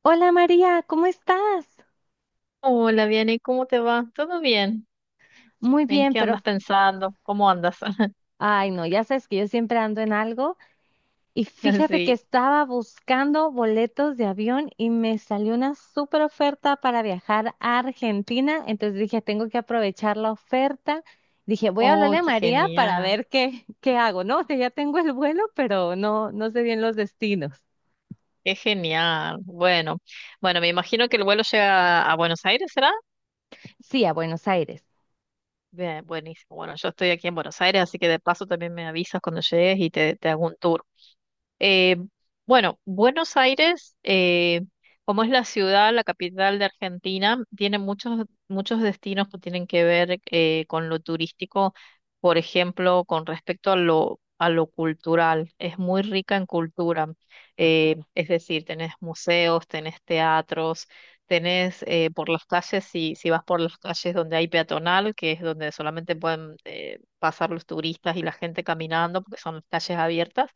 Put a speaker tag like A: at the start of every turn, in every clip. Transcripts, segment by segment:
A: Hola María, ¿cómo estás?
B: Hola, Vianey, ¿cómo te va? ¿Todo bien?
A: Muy
B: ¿En
A: bien,
B: qué andas
A: pero,
B: pensando? ¿Cómo andas?
A: ay no, ya sabes que yo siempre ando en algo y fíjate que
B: Así.
A: estaba buscando boletos de avión y me salió una súper oferta para viajar a Argentina. Entonces dije, tengo que aprovechar la oferta. Dije, voy a
B: Oh,
A: hablarle a
B: qué
A: María para
B: genial,
A: ver qué hago, ¿no? Que ya tengo el vuelo, pero no sé bien los destinos.
B: qué genial. Bueno, bueno, me imagino que el vuelo llega a Buenos Aires, ¿será?
A: Sí, a Buenos Aires.
B: Bien, buenísimo. Bueno, yo estoy aquí en Buenos Aires, así que de paso también me avisas cuando llegues y te hago un tour. Eh, bueno, Buenos Aires, como es la ciudad, la capital de Argentina, tiene muchos, muchos destinos que tienen que ver con lo turístico, por ejemplo, con respecto a lo cultural. Es muy rica en cultura, es decir, tenés museos, tenés teatros, tenés por las calles, si vas por las calles donde hay peatonal, que es donde solamente pueden pasar los turistas y la gente caminando, porque son las calles abiertas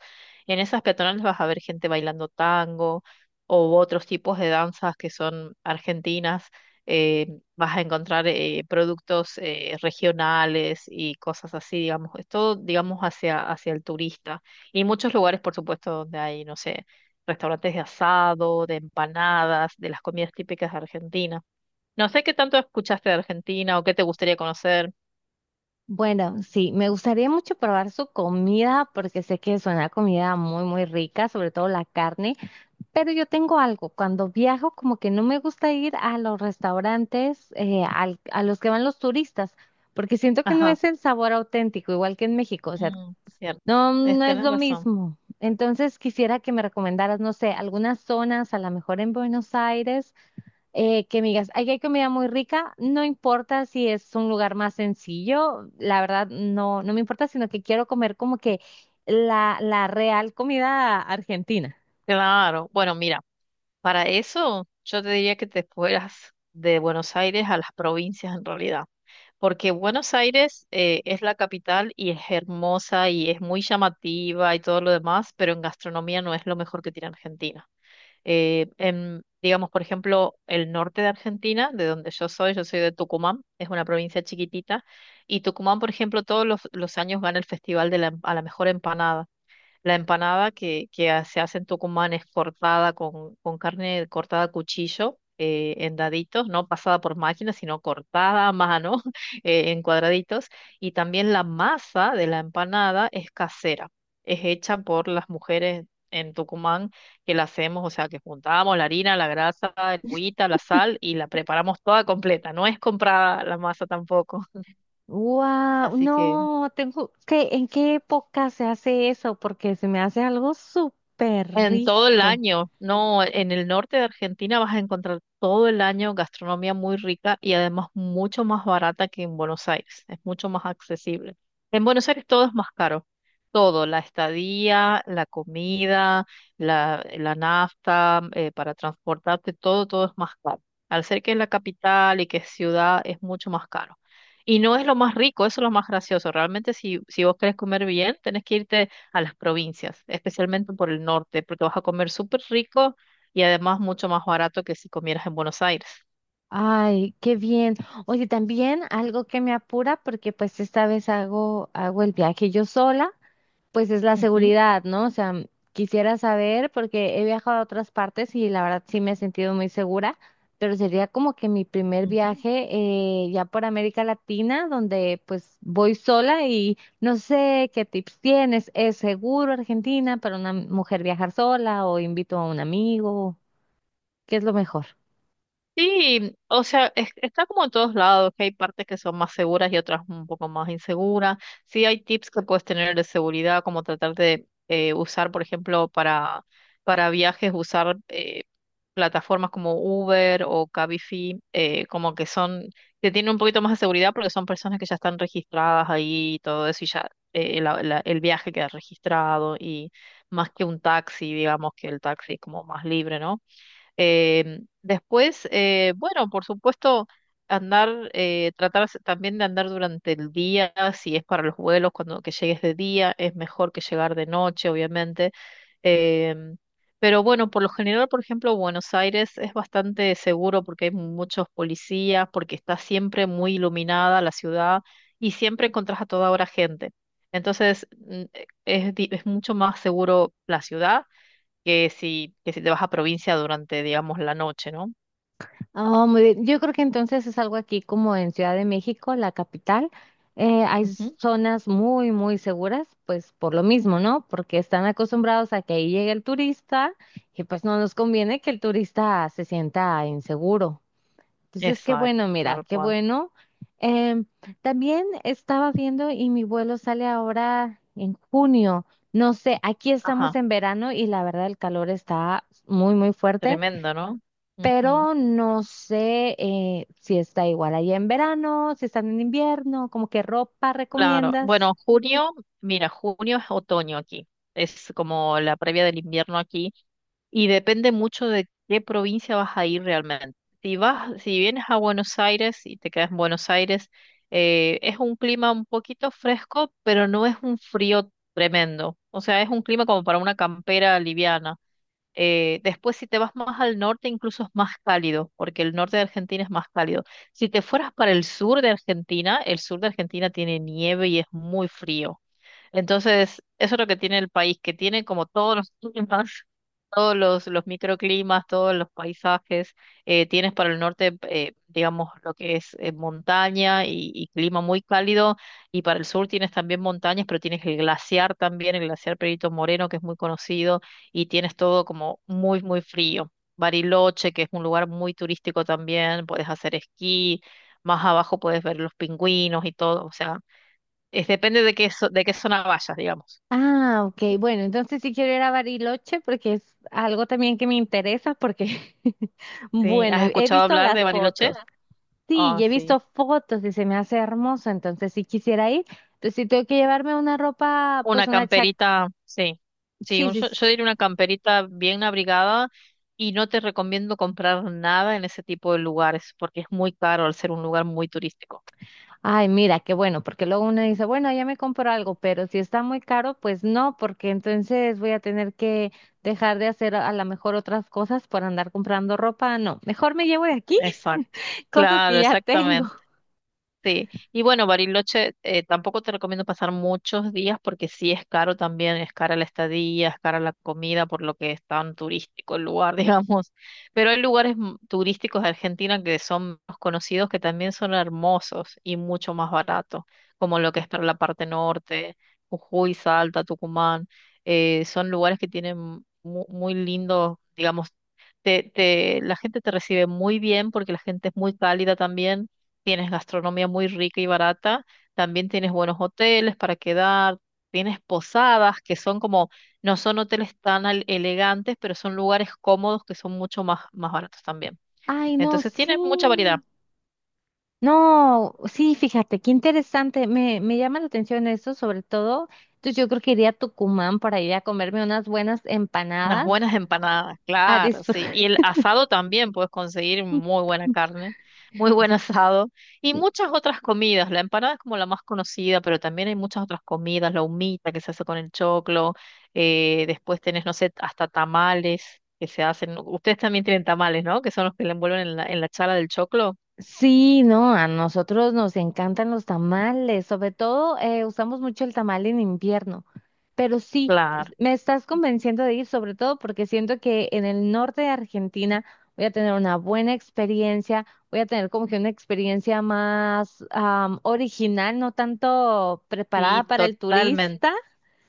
B: en esas peatonales vas a ver gente bailando tango o otros tipos de danzas que son argentinas. eh, Vas a encontrar productos regionales y cosas así, digamos. Es todo, digamos, hacia el turista. Y muchos lugares, por supuesto, donde hay, no sé, restaurantes de asado, de empanadas, de las comidas típicas de Argentina. No sé qué tanto escuchaste de Argentina o qué te gustaría conocer.
A: Bueno, sí, me gustaría mucho probar su comida porque sé que es una comida muy, muy rica, sobre todo la carne, pero yo tengo algo, cuando viajo como que no me gusta ir a los restaurantes a los que van los turistas, porque siento que no
B: Ajá,
A: es el sabor auténtico, igual que en México, o sea,
B: mm, cierto.
A: no,
B: Es,
A: no es
B: tenés
A: lo
B: razón.
A: mismo. Entonces quisiera que me recomendaras, no sé, algunas zonas, a lo mejor en Buenos Aires que me digas: "Ay, hay comida muy rica, no importa si es un lugar más sencillo, la verdad no, no me importa, sino que quiero comer como que la real comida argentina".
B: Claro. Bueno, mira. Para eso, yo te diría que te fueras de Buenos Aires a las provincias en realidad, porque Buenos Aires es la capital y es hermosa y es muy llamativa y todo lo demás, pero en gastronomía no es lo mejor que tiene Argentina. En, digamos, por ejemplo, el norte de Argentina, de donde yo soy de Tucumán, es una provincia chiquitita, y Tucumán, por ejemplo, todos los años gana el Festival de a la mejor empanada. La empanada que se hace en Tucumán es cortada con carne cortada a cuchillo, en daditos, no pasada por máquina, sino cortada a mano, en cuadraditos. Y también la masa de la empanada es casera, es hecha por las mujeres en Tucumán que la hacemos, o sea, que juntamos la harina, la grasa, el agüita, la sal y la preparamos toda completa. No es comprada la masa tampoco.
A: Wow,
B: Así que...
A: no, tengo que, ¿en qué época se hace eso? Porque se me hace algo súper
B: En todo el
A: rico.
B: año, no, en el norte de Argentina vas a encontrar todo el año gastronomía muy rica y además mucho más barata que en Buenos Aires, es mucho más accesible. En Buenos Aires todo es más caro, todo, la estadía, la comida, la nafta, para transportarte, todo, todo es más caro. Al ser que es la capital y que es ciudad, es mucho más caro. Y no es lo más rico, eso es lo más gracioso. Realmente si vos querés comer bien, tenés que irte a las provincias, especialmente por el norte, porque vas a comer súper rico y además mucho más barato que si comieras en Buenos Aires.
A: Ay, qué bien. Oye, también algo que me apura porque pues esta vez hago el viaje yo sola. Pues es la
B: Ujú,
A: seguridad, ¿no? O sea, quisiera saber porque he viajado a otras partes y la verdad sí me he sentido muy segura, pero sería como que mi primer
B: ujú.
A: viaje ya por América Latina, donde pues voy sola y no sé qué tips tienes. ¿Es seguro Argentina para una mujer viajar sola o invito a un amigo? ¿Qué es lo mejor?
B: Sí, o sea, está como en todos lados, que hay partes que son más seguras y otras un poco más inseguras. Sí hay tips que puedes tener de seguridad, como tratar de usar, por ejemplo, para viajes, usar plataformas como Uber o Cabify, como que son, que tienen un poquito más de seguridad porque son personas que ya están registradas ahí y todo eso, y ya el viaje queda registrado, y más que un taxi, digamos que el taxi es como más libre, ¿no? Después, bueno, por supuesto, andar, tratar también de andar durante el día, si es para los vuelos, cuando que llegues de día, es mejor que llegar de noche, obviamente. Em, pero bueno, por lo general, por ejemplo, Buenos Aires es bastante seguro porque hay muchos policías, porque está siempre muy iluminada la ciudad y siempre encontrás a toda hora gente. Entonces, es, es mucho más seguro la ciudad que si te vas a provincia durante, digamos, la noche, ¿no?
A: Oh, muy bien. Yo creo que entonces es algo aquí como en Ciudad de México, la capital. Eh, hay
B: Ujú,
A: zonas muy, muy seguras, pues por lo mismo, ¿no? Porque están acostumbrados a que ahí llegue el turista y pues no nos conviene que el turista se sienta inseguro. Entonces, qué
B: exacto,
A: bueno, mira,
B: tal
A: qué
B: cual.
A: bueno. Em, También estaba viendo y mi vuelo sale ahora en junio. No sé, aquí estamos
B: Ajá,
A: en verano y la verdad el calor está muy, muy fuerte,
B: tremendo, ¿no? Ujú.
A: pero no sé si está igual ahí en verano, si están en invierno, como qué ropa
B: Claro.
A: recomiendas.
B: Bueno, junio, mira, junio es otoño aquí. Es como la previa del invierno aquí y depende mucho de qué provincia vas a ir realmente. Si vas, si vienes a Buenos Aires y te quedas en Buenos Aires, es un clima un poquito fresco, pero no es un frío tremendo. O sea, es un clima como para una campera liviana. Después, si te vas más al norte, incluso es más cálido, porque el norte de Argentina es más cálido. Si te fueras para el sur de Argentina, el sur de Argentina tiene nieve y es muy frío. Entonces, eso es lo que tiene el país, que tiene como todos los climas, todos los microclimas, todos los paisajes. Tienes para el norte, digamos, lo que es montaña y clima muy cálido, y para el sur tienes también montañas, pero tienes el glaciar también, el glaciar Perito Moreno, que es muy conocido, y tienes todo como muy, muy frío. Bariloche, que es un lugar muy turístico también, puedes hacer esquí, más abajo puedes ver los pingüinos y todo, o sea. Es depende de de qué zona vayas, digamos.
A: Ah, ok, bueno, entonces sí quiero ir a Bariloche porque es algo también que me interesa porque,
B: Sí,
A: bueno,
B: ¿has
A: he
B: escuchado
A: visto
B: hablar
A: las
B: de Bariloche?
A: fotos. Sí, y
B: Ah,
A: he
B: sí.
A: visto fotos y se me hace hermoso, entonces sí quisiera ir. Entonces sí tengo que llevarme una ropa, pues
B: Una
A: una chaqueta,
B: camperita, sí. Sí,
A: sí, sí,
B: yo, yo
A: sí.
B: diría una camperita bien abrigada y no te recomiendo comprar nada en ese tipo de lugares porque es muy caro al ser un lugar muy turístico.
A: Ay, mira, qué bueno, porque luego uno dice, bueno, ya me compro algo, pero si está muy caro, pues no, porque entonces voy a tener que dejar de hacer a lo mejor otras cosas por andar comprando ropa. No, mejor me llevo de aquí
B: Exacto.
A: cosas que
B: Claro,
A: ya tengo.
B: exactamente. Sí, y bueno, Bariloche, tampoco te recomiendo pasar muchos días porque sí es caro también, es cara la estadía, es cara la comida, por lo que es tan turístico el lugar, digamos. Pero hay lugares turísticos de Argentina que son más conocidos que también son hermosos y mucho más baratos, como lo que es para la parte norte, Jujuy, Salta, Tucumán. Son lugares que tienen muy lindos, digamos, la gente te recibe muy bien porque la gente es muy cálida también tienes gastronomía muy rica y barata, también tienes buenos hoteles para quedar, tienes posadas que son como, no son hoteles elegantes, pero son lugares cómodos que son mucho más, más baratos también.
A: Ay, no,
B: Entonces
A: sí.
B: tienes mucha variedad.
A: No, sí, fíjate, qué interesante. Me llama la atención eso, sobre todo. Entonces yo creo que iría a Tucumán para ir a comerme unas buenas
B: Unas
A: empanadas,
B: buenas empanadas,
A: a
B: claro, sí.
A: disfrutar.
B: Y el asado también puedes conseguir muy buena carne, muy buen asado y muchas otras comidas. La empanada es como la más conocida, pero también hay muchas otras comidas, la humita que se hace con el choclo, después tenés, no sé, hasta tamales que se hacen. Ustedes también tienen tamales, ¿no? Que son los que le envuelven en la chala del choclo.
A: Sí, no, a nosotros nos encantan los tamales, sobre todo usamos mucho el tamal en invierno, pero sí,
B: Claro,
A: me estás convenciendo de ir, sobre todo porque siento que en el norte de Argentina voy a tener una buena experiencia, voy a tener como que una experiencia más original, no tanto preparada
B: sí,
A: para el
B: totalmente.
A: turista.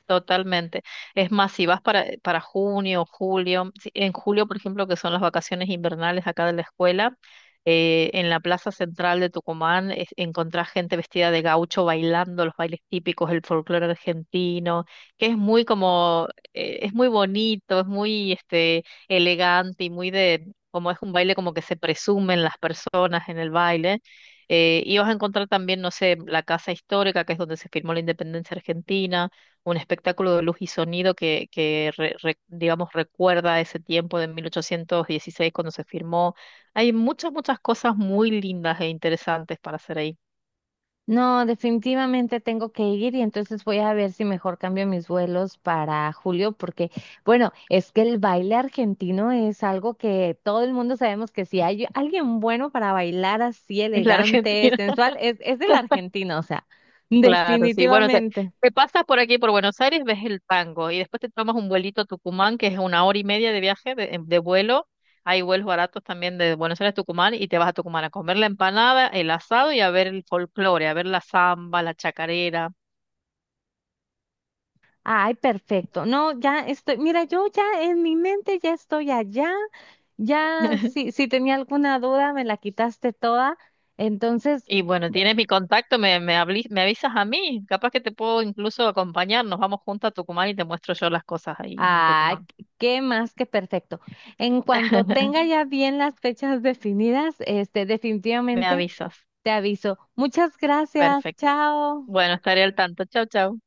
B: Totalmente. Es más, si vas para junio, julio, en julio, por ejemplo, que son las vacaciones invernales acá de la escuela, en la plaza central de Tucumán encontrás gente vestida de gaucho bailando los bailes típicos, el folclore argentino, que es muy como, es muy bonito, es muy este, elegante y muy de, como es un baile como que se presumen las personas en el baile. Y vas a encontrar también, no sé, la Casa Histórica, que es donde se firmó la independencia argentina un espectáculo de luz y sonido que digamos, recuerda ese tiempo de 1816 cuando se firmó. Hay muchas, muchas cosas muy lindas e interesantes para hacer ahí.
A: No, definitivamente tengo que ir y entonces voy a ver si mejor cambio mis vuelos para julio, porque bueno, es que el baile argentino es algo que todo el mundo sabemos que si hay alguien bueno para bailar así
B: En la
A: elegante,
B: Argentina,
A: sensual, es del argentino, o sea,
B: claro, sí. Bueno,
A: definitivamente.
B: te pasas por aquí, por Buenos Aires, ves el tango y después te tomas un vuelito a Tucumán, que es una hora y media de viaje, de vuelo. Hay vuelos baratos también de Buenos Aires a Tucumán y te vas a Tucumán a comer la empanada, el asado y a ver el folclore, a ver la samba, la chacarera.
A: Ay, perfecto. No, ya estoy, mira, yo ya en mi mente ya estoy allá, ya si, si tenía alguna duda me la quitaste toda. Entonces,
B: Y bueno, tienes mi contacto, me avisas a mí. Capaz que te puedo incluso acompañar. Nos vamos juntos a Tucumán y te muestro yo las cosas ahí en
A: ah,
B: Tucumán.
A: qué más que perfecto. En cuanto tenga ya bien las fechas definidas, este,
B: Me
A: definitivamente
B: avisas.
A: te aviso. Muchas gracias.
B: Perfecto.
A: Chao.
B: Bueno, estaré al tanto. Chau, chau.